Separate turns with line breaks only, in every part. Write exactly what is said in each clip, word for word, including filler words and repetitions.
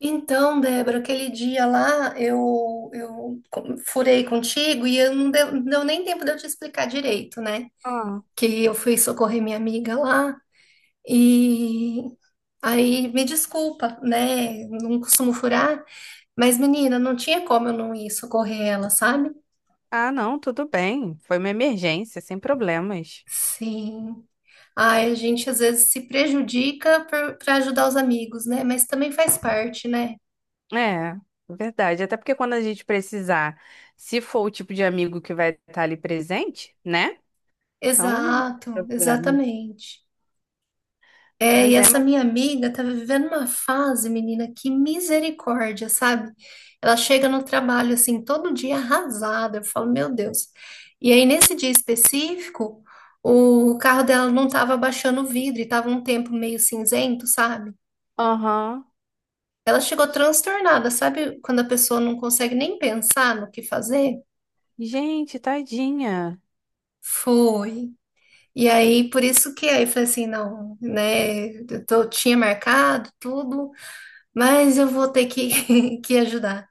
Então, Débora, aquele dia lá eu, eu co- furei contigo e eu não deu, não deu nem tempo de eu te explicar direito, né?
Ah,
Que eu fui socorrer minha amiga lá e aí me desculpa, né? Não costumo furar, mas menina, não tinha como eu não ir socorrer ela, sabe?
ah, não, tudo bem. Foi uma emergência, sem problemas.
Sim. Ai, a gente às vezes se prejudica para ajudar os amigos, né? Mas também faz parte, né?
É, verdade. Até porque quando a gente precisar, se for o tipo de amigo que vai estar ali presente, né? Então, não tem
Exato,
problema.
exatamente. É, e
Pois é,
essa
mas.
minha amiga tá vivendo uma fase, menina, que misericórdia, sabe? Ela chega no trabalho assim, todo dia arrasada. Eu falo, meu Deus. E aí, nesse dia específico, o carro dela não tava baixando o vidro e tava um tempo meio cinzento, sabe?
Aham.
Ela chegou transtornada, sabe? Quando a pessoa não consegue nem pensar no que fazer.
Gente, tadinha.
Foi. E aí, por isso que aí eu falei assim, não, né? Eu tô- tinha marcado tudo, mas eu vou ter que, que ajudar.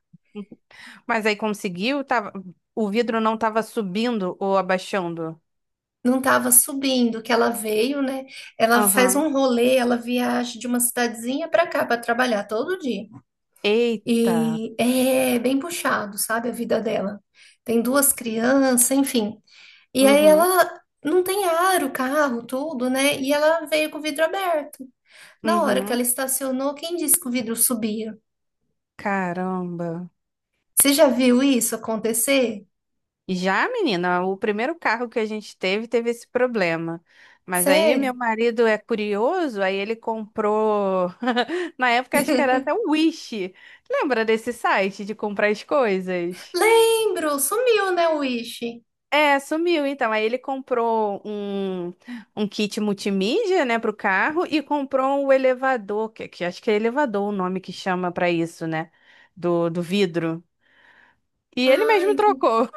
Mas aí conseguiu? Tava... O vidro não tava subindo ou abaixando?
Não estava subindo, que ela veio, né? Ela faz
Aham.
um rolê, ela viaja de uma cidadezinha para cá para trabalhar todo dia.
Eita.
E é bem puxado, sabe, a vida dela. Tem duas crianças, enfim. E aí
Uhum.
ela não tem ar, o carro, tudo, né? E ela veio com o vidro aberto. Na hora que ela
Uhum.
estacionou, quem disse que o vidro subia?
Caramba.
Você já viu isso acontecer?
Já, menina, o primeiro carro que a gente teve teve esse problema. Mas aí meu
Sério?
marido é curioso, aí ele comprou. Na época acho que era até o Wish. Lembra desse site de comprar as coisas?
Lembro, sumiu, né, o Wish?
É, sumiu então. Aí ele comprou um, um kit multimídia, né, pro carro e comprou um elevador, que, que acho que é elevador o nome que chama pra isso, né, do, do vidro. E ele
Ah,
mesmo
entendi.
trocou.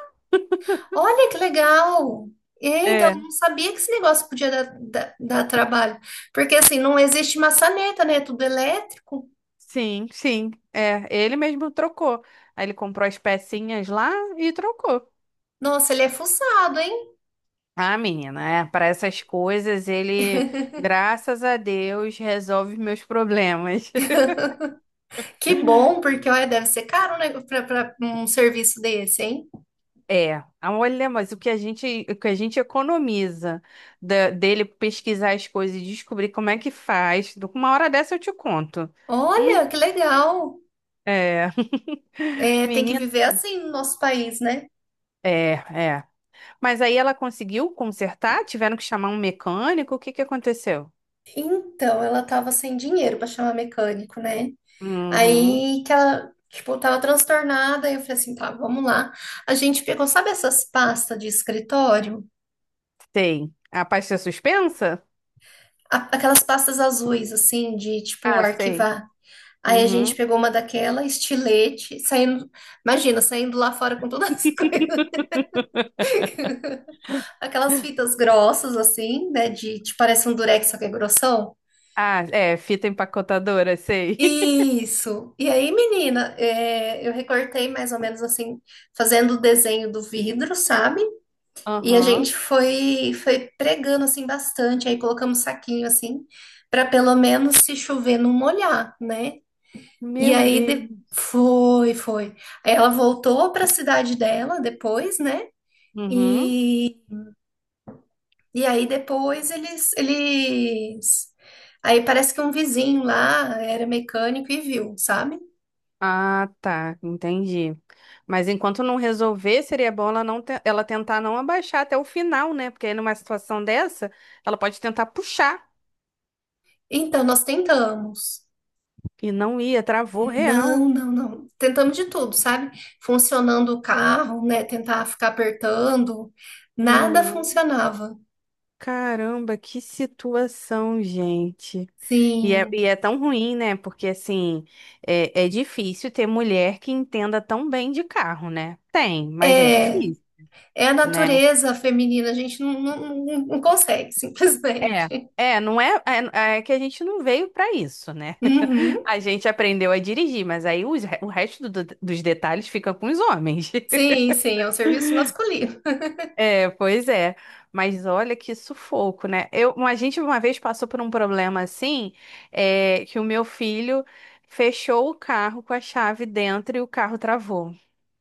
Olha que legal! É, então, eu
É.
não sabia que esse negócio podia dar, dar- dar trabalho. Porque, assim, não existe maçaneta, né? É tudo elétrico.
Sim, sim. É, ele mesmo trocou. Aí ele comprou as pecinhas lá e trocou.
Nossa, ele é fuçado, hein?
Ah, menina, é, para essas coisas ele, graças a Deus, resolve meus problemas.
Que bom, porque, olha, deve ser caro, né? Para um serviço desse, hein?
É, ah, olha, mas o que a gente, o que a gente economiza da- dele pesquisar as coisas e descobrir como é que faz. Uma hora dessa eu te conto. Hum,
Olha, que legal!
É,
É, tem que
menina,
viver assim no nosso país, né?
é, é. Mas aí ela conseguiu consertar? Tiveram que chamar um mecânico? O que que aconteceu?
Então, ela estava sem dinheiro para chamar mecânico, né?
Uhum.
Aí que ela, tipo, tava transtornada, e eu falei assim, tá, vamos lá. A gente pegou, sabe essas pastas de escritório?
Sei. A pasta é suspensa?
A- Aquelas pastas azuis, assim, de, tipo,
Ah, sei.
arquivar. Aí a gente
Uhum.
pegou uma daquela, estilete, saindo, imagina, saindo lá fora com todas as coisas. Aquelas fitas grossas, assim, né, de, tipo, parece um durex, só que é grossão.
Ah, é, fita empacotadora, sei.
Isso. E aí, menina, é, eu recortei mais ou menos assim, fazendo o desenho do vidro, sabe? E a
Aham.
gente foi foi pregando assim bastante, aí colocamos saquinho assim, para pelo menos se chover não molhar, né? E
Meu
aí
Deus.
de- foi, foi. Aí ela voltou para a cidade dela depois, né?
Uhum.
E, e aí depois eles eles aí parece que um vizinho lá era mecânico e viu, sabe?
Ah, tá, entendi. Mas enquanto não resolver, seria bom ela não te- ela tentar não abaixar até o final, né? Porque aí numa situação dessa, ela pode tentar puxar
Então nós tentamos.
e não ia, travou
Não,
real.
não, não. Tentamos de tudo, sabe? Funcionando o carro, né? Tentar ficar apertando, nada
Uhum.
funcionava.
Caramba, que situação, gente. E é, e
Sim.
é tão ruim, né? Porque, assim, é, é difícil ter mulher que entenda tão bem de carro, né? Tem, mas é
É,
difícil,
é a
né?
natureza feminina, a gente não, não, não- não consegue,
É.
simplesmente.
É, não é, é, é que a gente não veio pra isso, né?
Uhum.
A gente aprendeu a dirigir, mas aí os re- o resto do- dos detalhes fica com os homens.
Sim, sim, é um serviço masculino.
É, pois é. Mas olha que sufoco, né? Eu, a gente uma vez passou por um problema assim, é, que o meu filho fechou o carro com a chave dentro e o carro travou.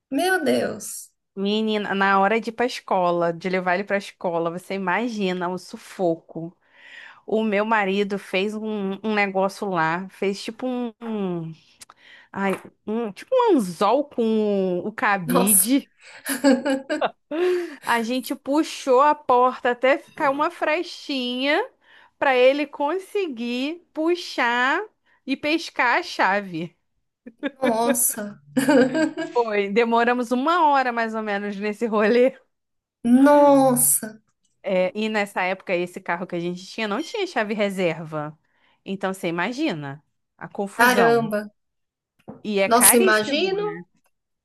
Meu Deus.
Menina, na hora de ir pra escola, de levar ele pra escola, você imagina o sufoco. O meu marido fez um, um negócio lá, fez tipo um, um- ai, um- tipo um anzol com o
Nossa.
cabide. A gente puxou a porta até ficar uma frestinha pra ele conseguir puxar e pescar a chave.
Nossa.
Foi, demoramos uma hora mais ou menos nesse rolê.
Nossa.
É, e nessa época, esse carro que a gente tinha não tinha chave reserva. Então, você imagina a confusão.
Caramba.
E é
Nossa,
caríssimo, né?
imagino.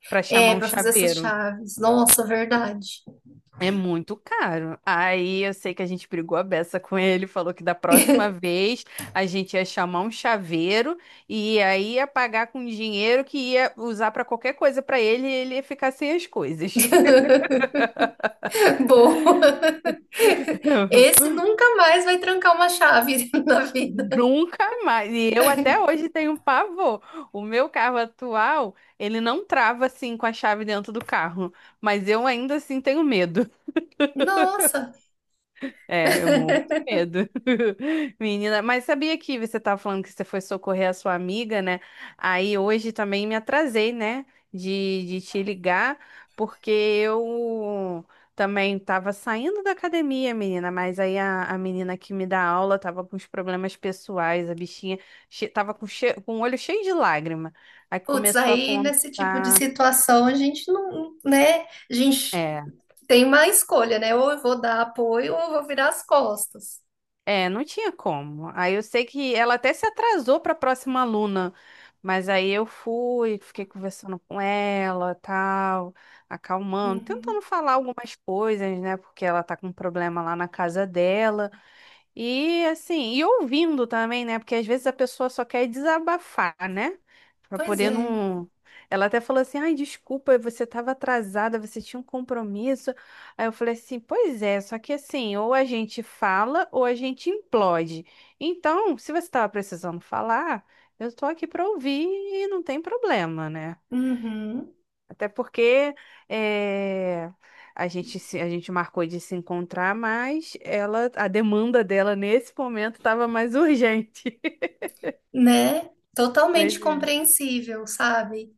Pra chamar
É,
um
para fazer essas
chaveiro.
chaves. Nossa, verdade.
É muito caro. Aí eu sei que a gente brigou a beça com ele, falou que da próxima vez a gente ia chamar um chaveiro e aí ia pagar com dinheiro que ia usar pra qualquer coisa pra ele e ele ia ficar sem as coisas.
Boa, esse nunca mais vai trancar uma chave na vida.
Nunca mais. E eu até hoje tenho pavor. O meu carro atual, ele não trava assim com a chave dentro do carro, mas eu ainda assim tenho medo.
Nossa,
É, eu morro de medo. Menina, mas sabia que você estava falando que você foi socorrer a sua amiga, né? Aí hoje também me atrasei, né? De, de te ligar, porque eu também estava saindo da academia, menina, mas aí a, a menina que me dá aula estava com os problemas pessoais, a bichinha estava com, che- com o olho cheio de lágrima. Aí
putz,
começou a
aí nesse tipo de
contar.
situação a gente não, né? A gente
É.
tem uma escolha, né? Ou eu vou dar apoio ou eu vou virar as costas.
É, não tinha como. Aí eu sei que ela até se atrasou para a próxima aluna, mas aí eu fui, fiquei conversando com ela, tal, acalmando, tentando
Uhum.
falar algumas coisas, né? Porque ela tá com um problema lá na casa dela. E assim, e ouvindo também, né? Porque às vezes a pessoa só quer desabafar, né? Pra
Pois
poder
é.
não. Ela até falou assim: ai, desculpa, você estava atrasada, você tinha um compromisso. Aí eu falei assim: pois é, só que assim, ou a gente fala ou a gente implode. Então, se você estava precisando falar, eu tô aqui pra ouvir e não tem problema, né?
Uhum.
Até porque eh, a gente, se- a gente marcou de se encontrar, mas ela, a demanda dela nesse momento estava mais urgente.
Né? Totalmente
Pois é.
compreensível, sabe?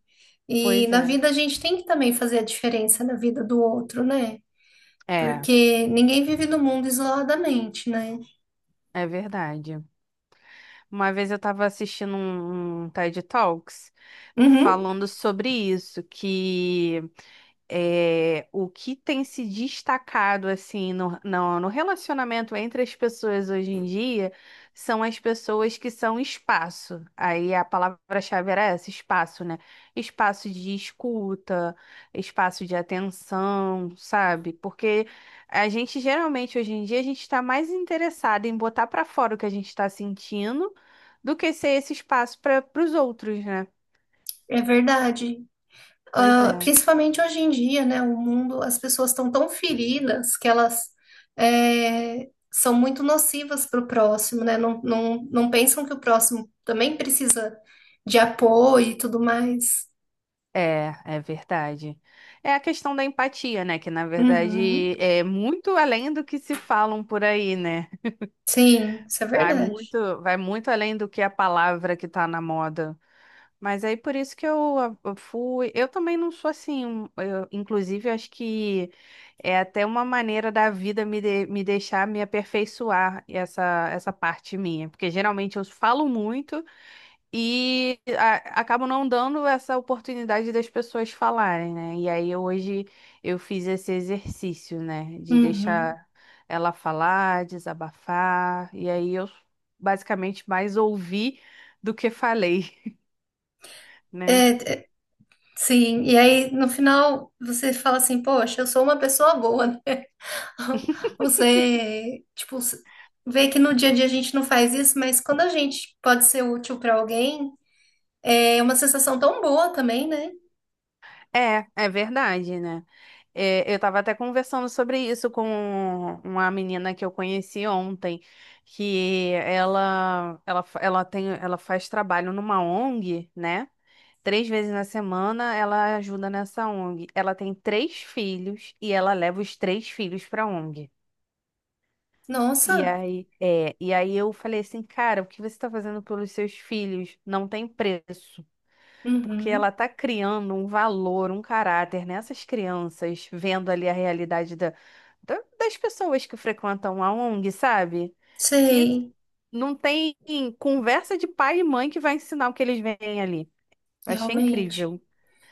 E
Pois
na
é.
vida a gente tem que também fazer a diferença na vida do outro, né?
É,
Porque ninguém vive no mundo isoladamente, né?
é verdade. Uma vez eu estava assistindo um, um T E D Talks
Uhum,
falando sobre isso, que é, o que tem se destacado assim no, no, no relacionamento entre as pessoas hoje em dia são as pessoas que são espaço. Aí a palavra-chave era essa, espaço, né? Espaço de escuta, espaço de atenção, sabe? Porque a gente geralmente hoje em dia a gente está mais interessado em botar para fora o que a gente está sentindo do que ser esse espaço para os outros, né?
é verdade.
Pois
Ah,
é.
principalmente hoje em dia, né? O mundo, as pessoas estão tão feridas que elas é, são muito nocivas para o próximo, né? Não, não, não pensam que o próximo também precisa de apoio e tudo mais.
É, é verdade. É a questão da empatia, né? Que na
Uhum,
verdade é muito além do que se falam por aí, né?
sim, isso é
Vai
verdade.
muito, vai muito além do que a palavra que tá na moda. Mas aí por isso que eu, ah, eu fui. Eu também não sou assim. Um- eu- inclusive, eu acho que é até uma maneira da vida me, de- me deixar me aperfeiçoar essa, essa parte minha. Porque geralmente eu falo muito. E a- acabam não dando essa oportunidade das pessoas falarem, né? E aí hoje eu fiz esse exercício, né? De
Uhum.
deixar ela falar, desabafar. E aí eu basicamente mais ouvi do que falei, né?
É, é, sim, e aí no final você fala assim, poxa, eu sou uma pessoa boa, né? Você, tipo, s- vê que no dia a dia a gente não faz isso, mas quando a gente pode ser útil para alguém, é uma sensação tão boa também, né?
É, é verdade, né? É, eu estava até conversando sobre isso com uma menina que eu conheci ontem, que ela, ela, fa- ela tem, ela faz trabalho numa O N G, né? Três vezes na semana ela ajuda nessa O N G. Ela tem três filhos e ela leva os três filhos para a O N G. E
Nossa,
aí, é, e aí eu falei assim, cara, o que você está fazendo pelos seus filhos não tem preço, porque ela
uhum,
está criando um valor, um caráter nessas crianças, vendo ali a realidade da, da- das pessoas que frequentam a O N G, sabe? Que
sei,
não tem conversa de pai e mãe que vai ensinar o que eles veem ali. Eu achei
realmente.
incrível.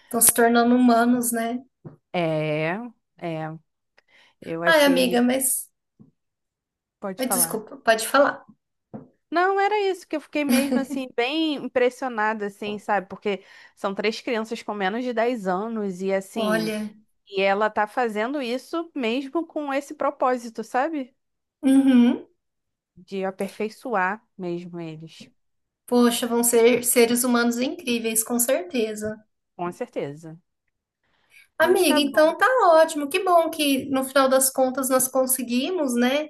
Estão se tornando humanos, né?
É, é, eu
Ai, amiga,
achei.
mas.
Pode
Ai,
falar.
desculpa, pode falar.
Não, era isso que eu fiquei mesmo assim, bem impressionada, assim, sabe? Porque são três crianças com menos de dez anos e assim,
Olha,
e ela tá fazendo isso mesmo com esse propósito, sabe?
uhum,
De aperfeiçoar mesmo eles,
poxa, vão ser seres humanos incríveis, com certeza.
com certeza. Mas
Amiga,
tá bom.
então tá ótimo. Que bom que no final das contas nós conseguimos, né?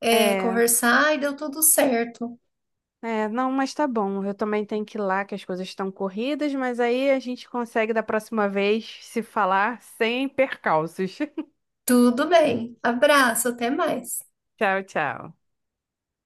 É,
É,
conversar e deu tudo certo.
é, não, mas tá bom. Eu também tenho que ir lá, que as coisas estão corridas, mas aí a gente consegue da próxima vez se falar sem percalços.
Tudo bem. Abraço, até mais.
Tchau, tchau.